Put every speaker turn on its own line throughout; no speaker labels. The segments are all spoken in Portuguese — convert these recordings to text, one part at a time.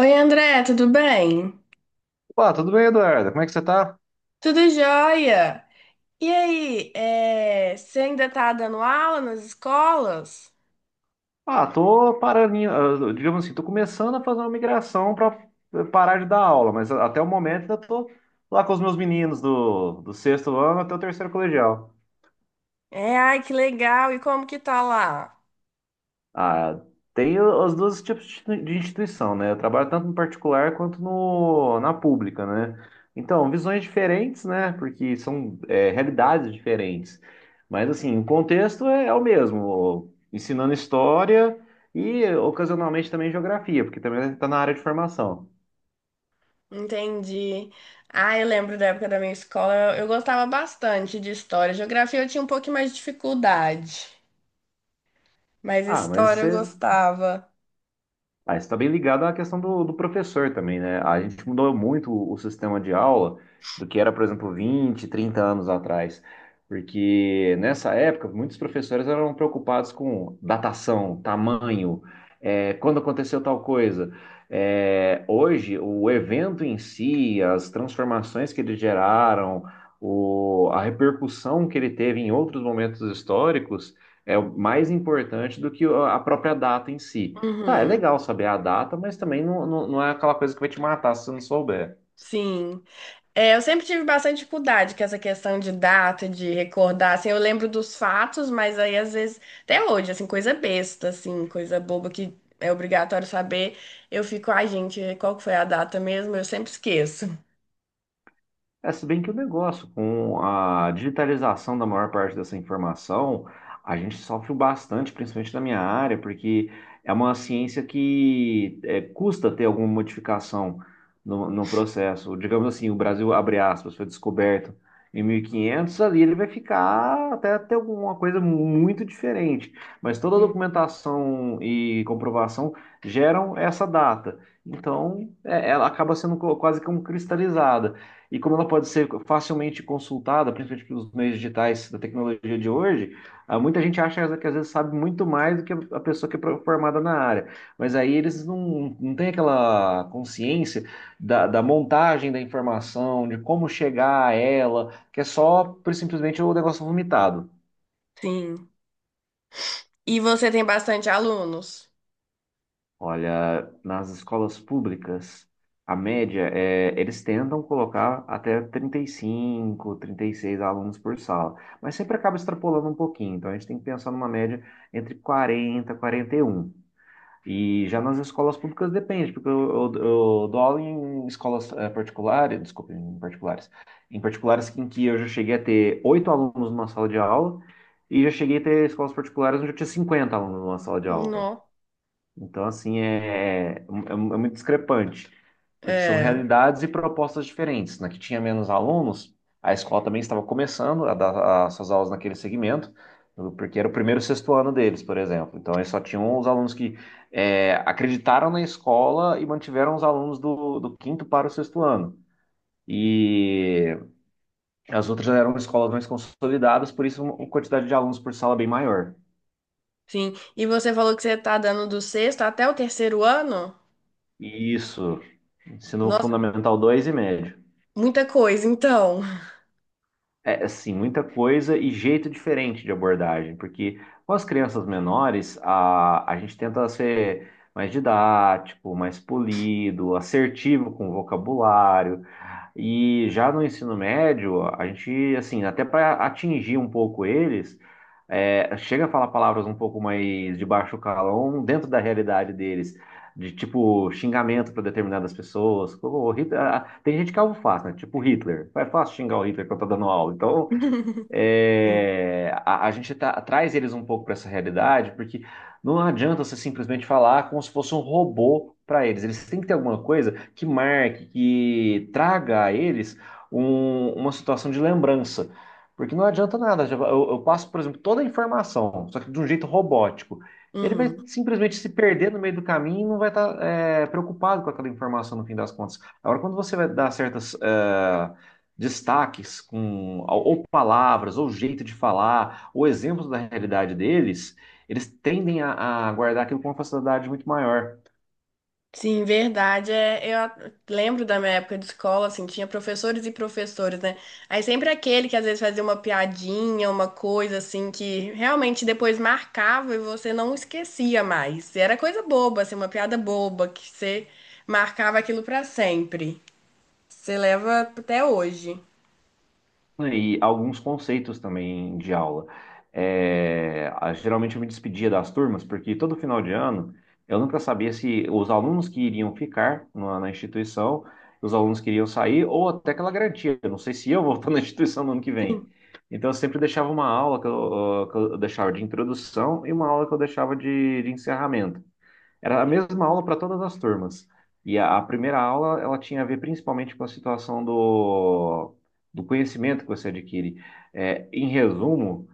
Oi, André, tudo bem?
Pá, tudo bem, Eduardo? Como é que você tá?
Tudo jóia? E aí, é, você ainda tá dando aula nas escolas?
Tô parando, digamos assim, tô começando a fazer uma migração para parar de dar aula, mas até o momento ainda tô lá com os meus meninos do sexto ano até o terceiro colegial.
É, ai, que legal! E como que tá lá?
Ah, tem os dois tipos de de instituição, né? Eu trabalho tanto no particular quanto no, na pública, né? Então, visões diferentes, né? Porque são, realidades diferentes. Mas, assim, o contexto é o mesmo, ensinando história e, ocasionalmente, também geografia, porque também está na área de formação.
Entendi. Ah, eu lembro da época da minha escola, eu gostava bastante de história. Geografia eu tinha um pouquinho mais de dificuldade, mas
Ah, mas
história eu
você.
gostava.
Ah, isso está bem ligado à questão do professor também, né? A gente mudou muito o sistema de aula do que era, por exemplo, 20, 30 anos atrás. Porque nessa época, muitos professores eram preocupados com datação, tamanho, quando aconteceu tal coisa. Hoje, o evento em si, as transformações que ele geraram, a repercussão que ele teve em outros momentos históricos, é o mais importante do que a própria data em si. Tá, é
Uhum,
legal saber a data, mas também não é aquela coisa que vai te matar se você não souber.
sim. É, eu sempre tive bastante dificuldade com essa questão de data, de recordar, assim, eu lembro dos fatos, mas aí às vezes, até hoje, assim, coisa besta, assim, coisa boba que é obrigatório saber, eu fico, ai, gente, qual que foi a data mesmo? Eu sempre esqueço.
É, se bem que o negócio, com a digitalização da maior parte dessa informação, a gente sofre bastante, principalmente na minha área, porque é uma ciência custa ter alguma modificação no processo. Digamos assim, o Brasil, abre aspas, foi descoberto em 1500, ali ele vai ficar até ter alguma coisa muito diferente. Mas toda a
Sim.
documentação e comprovação geram essa data. Então, é, ela acaba sendo quase como cristalizada. E como ela pode ser facilmente consultada, principalmente pelos meios digitais da tecnologia de hoje, ah, muita gente acha que às vezes sabe muito mais do que a pessoa que é formada na área. Mas aí eles não têm aquela consciência da montagem da informação, de como chegar a ela, que é só simplesmente o negócio vomitado.
Sim. E você tem bastante alunos?
Olha, nas escolas públicas, a média é, eles tentam colocar até 35, 36 alunos por sala, mas sempre acaba extrapolando um pouquinho, então a gente tem que pensar numa média entre 40 e 41. E já nas escolas públicas depende, porque eu dou aula em escolas particulares, desculpa, em particulares, em particulares em que eu já cheguei a ter 8 alunos numa sala de aula, e já cheguei a ter escolas particulares onde eu tinha 50 alunos numa sala de aula.
Não.
Então, assim, é muito discrepante, porque são
É,
realidades e propostas diferentes. Na que tinha menos alunos, a escola também estava começando a dar as suas aulas naquele segmento, porque era o primeiro e sexto ano deles, por exemplo. Então, eles só tinham os alunos que acreditaram na escola e mantiveram os alunos do quinto para o sexto ano. E as outras eram escolas mais consolidadas, por isso uma quantidade de alunos por sala bem maior.
sim. E você falou que você tá dando do sexto até o terceiro ano?
E isso, ensino
Nossa,
fundamental 2 e médio.
muita coisa, então.
É, assim, muita coisa e jeito diferente de abordagem, porque com as crianças menores, a gente tenta ser mais didático, mais polido, assertivo com o vocabulário, e já no ensino médio, a gente, assim, até para atingir um pouco eles, é, chega a falar palavras um pouco mais de baixo calão dentro da realidade deles, de tipo xingamento para determinadas pessoas. Como o tem gente que é alvo fácil, né? Tipo Hitler. É fácil xingar o Hitler quando tá dando aula. Então,
Sim.
é, a gente traz eles um pouco para essa realidade, porque não adianta você simplesmente falar como se fosse um robô para eles. Eles têm que ter alguma coisa que marque, que traga a eles uma situação de lembrança. Porque não adianta nada. Eu passo, por exemplo, toda a informação, só que de um jeito robótico. Ele vai
Uhum.
simplesmente se perder no meio do caminho e não vai estar preocupado com aquela informação no fim das contas. Agora, quando você vai dar certas, destaques com ou palavras, ou jeito de falar, ou exemplos da realidade deles, eles tendem a guardar aquilo com uma facilidade muito maior.
Sim, verdade. É, lembro da minha época de escola, assim, tinha professores e professores, né? Aí sempre aquele que às vezes fazia uma piadinha, uma coisa assim, que realmente depois marcava e você não esquecia mais. Era coisa boba, assim, uma piada boba, que você marcava aquilo pra sempre. Você leva até hoje.
E alguns conceitos também de aula. É, geralmente eu me despedia das turmas, porque todo final de ano eu nunca sabia se os alunos que iriam ficar na instituição, os alunos que iriam sair, ou até aquela garantia, eu não sei se eu vou estar na instituição no ano que
Sim,
vem. Então eu sempre deixava uma aula que eu deixava de introdução e uma aula que eu deixava de encerramento. Era a mesma aula para todas as turmas. E a primeira aula, ela tinha a ver principalmente com a situação do conhecimento que você adquire. É, em resumo,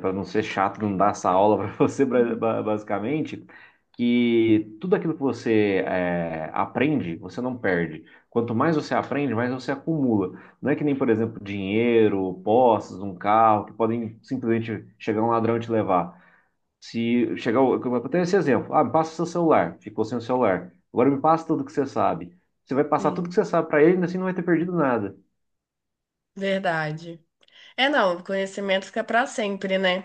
para não ser chato, não dar essa aula para você, basicamente, que tudo aquilo que você aprende, você não perde. Quanto mais você aprende, mais você acumula. Não é que nem, por exemplo, dinheiro, posses, um carro, que podem simplesmente chegar um ladrão e te levar. Se chegar, eu tenho esse exemplo. Ah, me passa seu celular. Ficou sem o celular. Agora me passa tudo que você sabe. Você vai passar tudo
sim,
que você sabe para ele, e assim não vai ter perdido nada.
verdade. É, não, conhecimento fica pra sempre, né?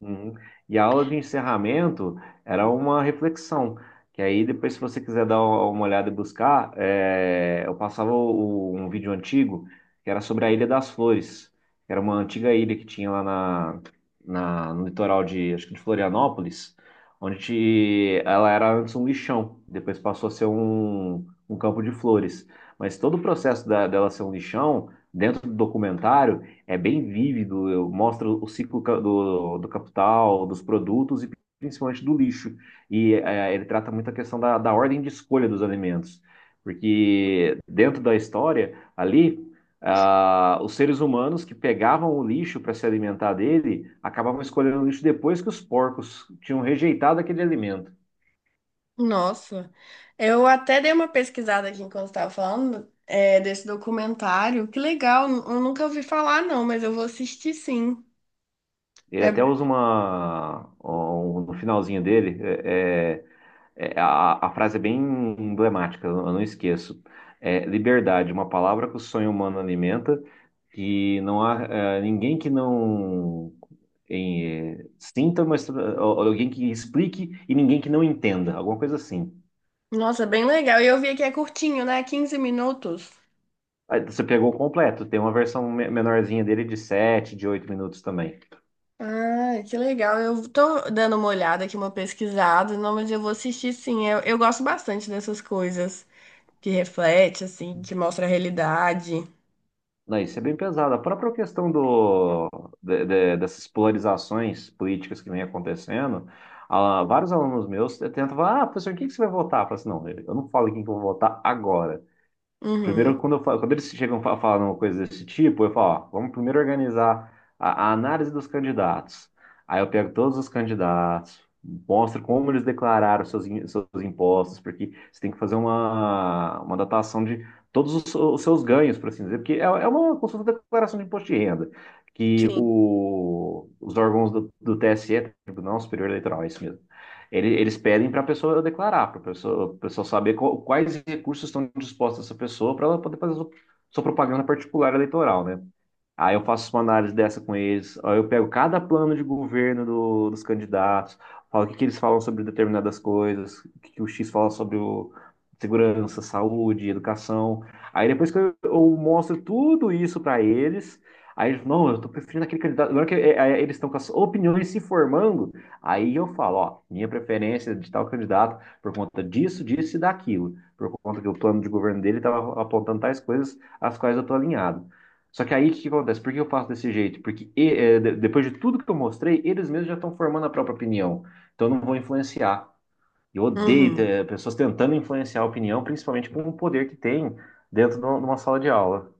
Uhum. E a aula de encerramento era uma reflexão, que aí depois, se você quiser dar uma olhada e buscar, é, eu passava um vídeo antigo que era sobre a Ilha das Flores, que era uma antiga ilha que tinha lá no litoral de, acho que de Florianópolis, onde ela era antes um lixão, depois passou a ser um campo de flores. Mas todo o processo dela ser um lixão, dentro do documentário, é bem vívido, eu mostro o ciclo do capital, dos produtos e principalmente do lixo. E ele trata muito a questão da ordem de escolha dos alimentos, porque dentro da história, ali, ah, os seres humanos que pegavam o lixo para se alimentar dele acabavam escolhendo o lixo depois que os porcos tinham rejeitado aquele alimento.
Nossa, eu até dei uma pesquisada aqui enquanto estava falando, é, desse documentário. Que legal, eu nunca ouvi falar não, mas eu vou assistir sim.
Ele até
É,
usa uma, no finalzinho dele, é, a frase é bem emblemática, eu não esqueço. É, liberdade, uma palavra que o sonho humano alimenta, que não há ninguém que não sinta, mas ou alguém que explique e ninguém que não entenda, alguma coisa assim.
nossa, é bem legal. E eu vi que é curtinho, né? 15 minutos.
Aí você pegou o completo, tem uma versão menorzinha dele de 7, de 8 minutos também.
Ah, que legal. Eu tô dando uma olhada aqui, uma pesquisada. Não, mas eu vou assistir sim. Eu gosto bastante dessas coisas que reflete, assim, que mostra a realidade.
Não, isso é bem pesado. A própria questão do, dessas polarizações políticas que vem acontecendo, ah, vários alunos meus tentam falar, ah, professor, em quem que você vai votar? Eu falo assim, não, eu não falo em quem que eu vou votar agora. Primeiro,
Uhum.
quando, eu falo, quando eles chegam a falar uma coisa desse tipo, eu falo, ó, vamos primeiro organizar a análise dos candidatos. Aí eu pego todos os candidatos, mostro como eles declararam seus impostos, porque você tem que fazer uma datação de todos os seus ganhos, por assim dizer, porque é uma consulta de declaração de imposto de renda, que
Sim.
o, os órgãos do TSE, Tribunal Superior Eleitoral, é isso mesmo, eles pedem para a pessoa declarar, para a pessoa saber quais recursos estão dispostos a essa pessoa para ela poder fazer sua, sua propaganda particular eleitoral, né? Aí eu faço uma análise dessa com eles. Aí eu pego cada plano de governo dos candidatos, falo o que, que eles falam sobre determinadas coisas, o que, que o X fala sobre segurança, saúde, educação. Aí depois que eu mostro tudo isso para eles, aí eles, não, eu tô preferindo aquele candidato. Agora que eles estão com as opiniões se formando, aí eu falo, ó, minha preferência é de tal candidato por conta disso, disso e daquilo. Por conta que o plano de governo dele estava apontando tais coisas às quais eu tô alinhado. Só que aí o que que acontece? Por que eu faço desse jeito? Porque depois de tudo que eu mostrei, eles mesmos já estão formando a própria opinião. Então eu não vou influenciar. Eu odeio
Uhum.
ter pessoas tentando influenciar a opinião, principalmente com o poder que tem dentro de uma sala de aula.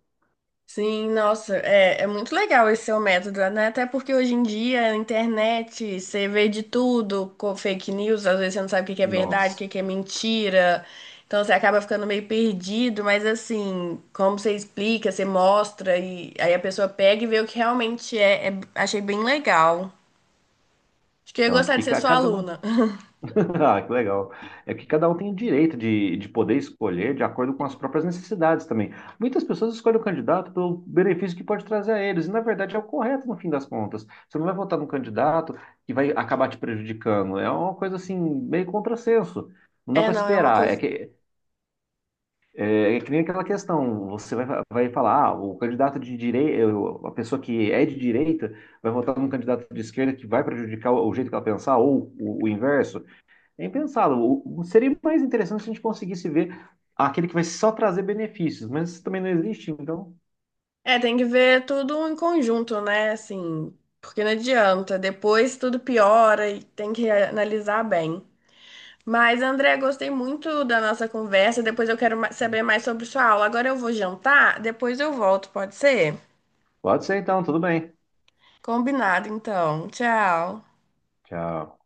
Sim, nossa, é, é muito legal esse seu método, né? Até porque hoje em dia, a internet, você vê de tudo com fake news, às vezes você não sabe o que que é verdade, o
Nossa.
que que é mentira, então você acaba ficando meio perdido, mas assim, como você explica, você mostra, e aí a pessoa pega e vê o que realmente achei bem legal. Acho que eu ia
Então, é
gostar de
porque
ser sua
cada um
aluna.
Ah, que legal. É que cada um tem o direito de poder escolher de acordo com as próprias necessidades também. Muitas pessoas escolhem o candidato pelo benefício que pode trazer a eles, e na verdade é o correto no fim das contas. Você não vai votar num candidato que vai acabar te prejudicando. É uma coisa assim, meio contrassenso. Não dá
É,
para
não, é uma
esperar.
coisa.
É que nem aquela questão: você vai, vai falar, ah, o candidato de direita, a pessoa que é de direita, vai votar num candidato de esquerda que vai prejudicar o jeito que ela pensar, ou o inverso. Nem pensado. Seria mais interessante se a gente conseguisse ver aquele que vai só trazer benefícios, mas isso também não existe, então.
É, tem que ver tudo em conjunto, né? Assim, porque não adianta, depois tudo piora e tem que analisar bem. Mas, André, gostei muito da nossa conversa. Depois eu quero saber mais sobre sua aula. Agora eu vou jantar, depois eu volto, pode ser?
Pode ser então, tudo bem.
Combinado, então. Tchau.
Tchau.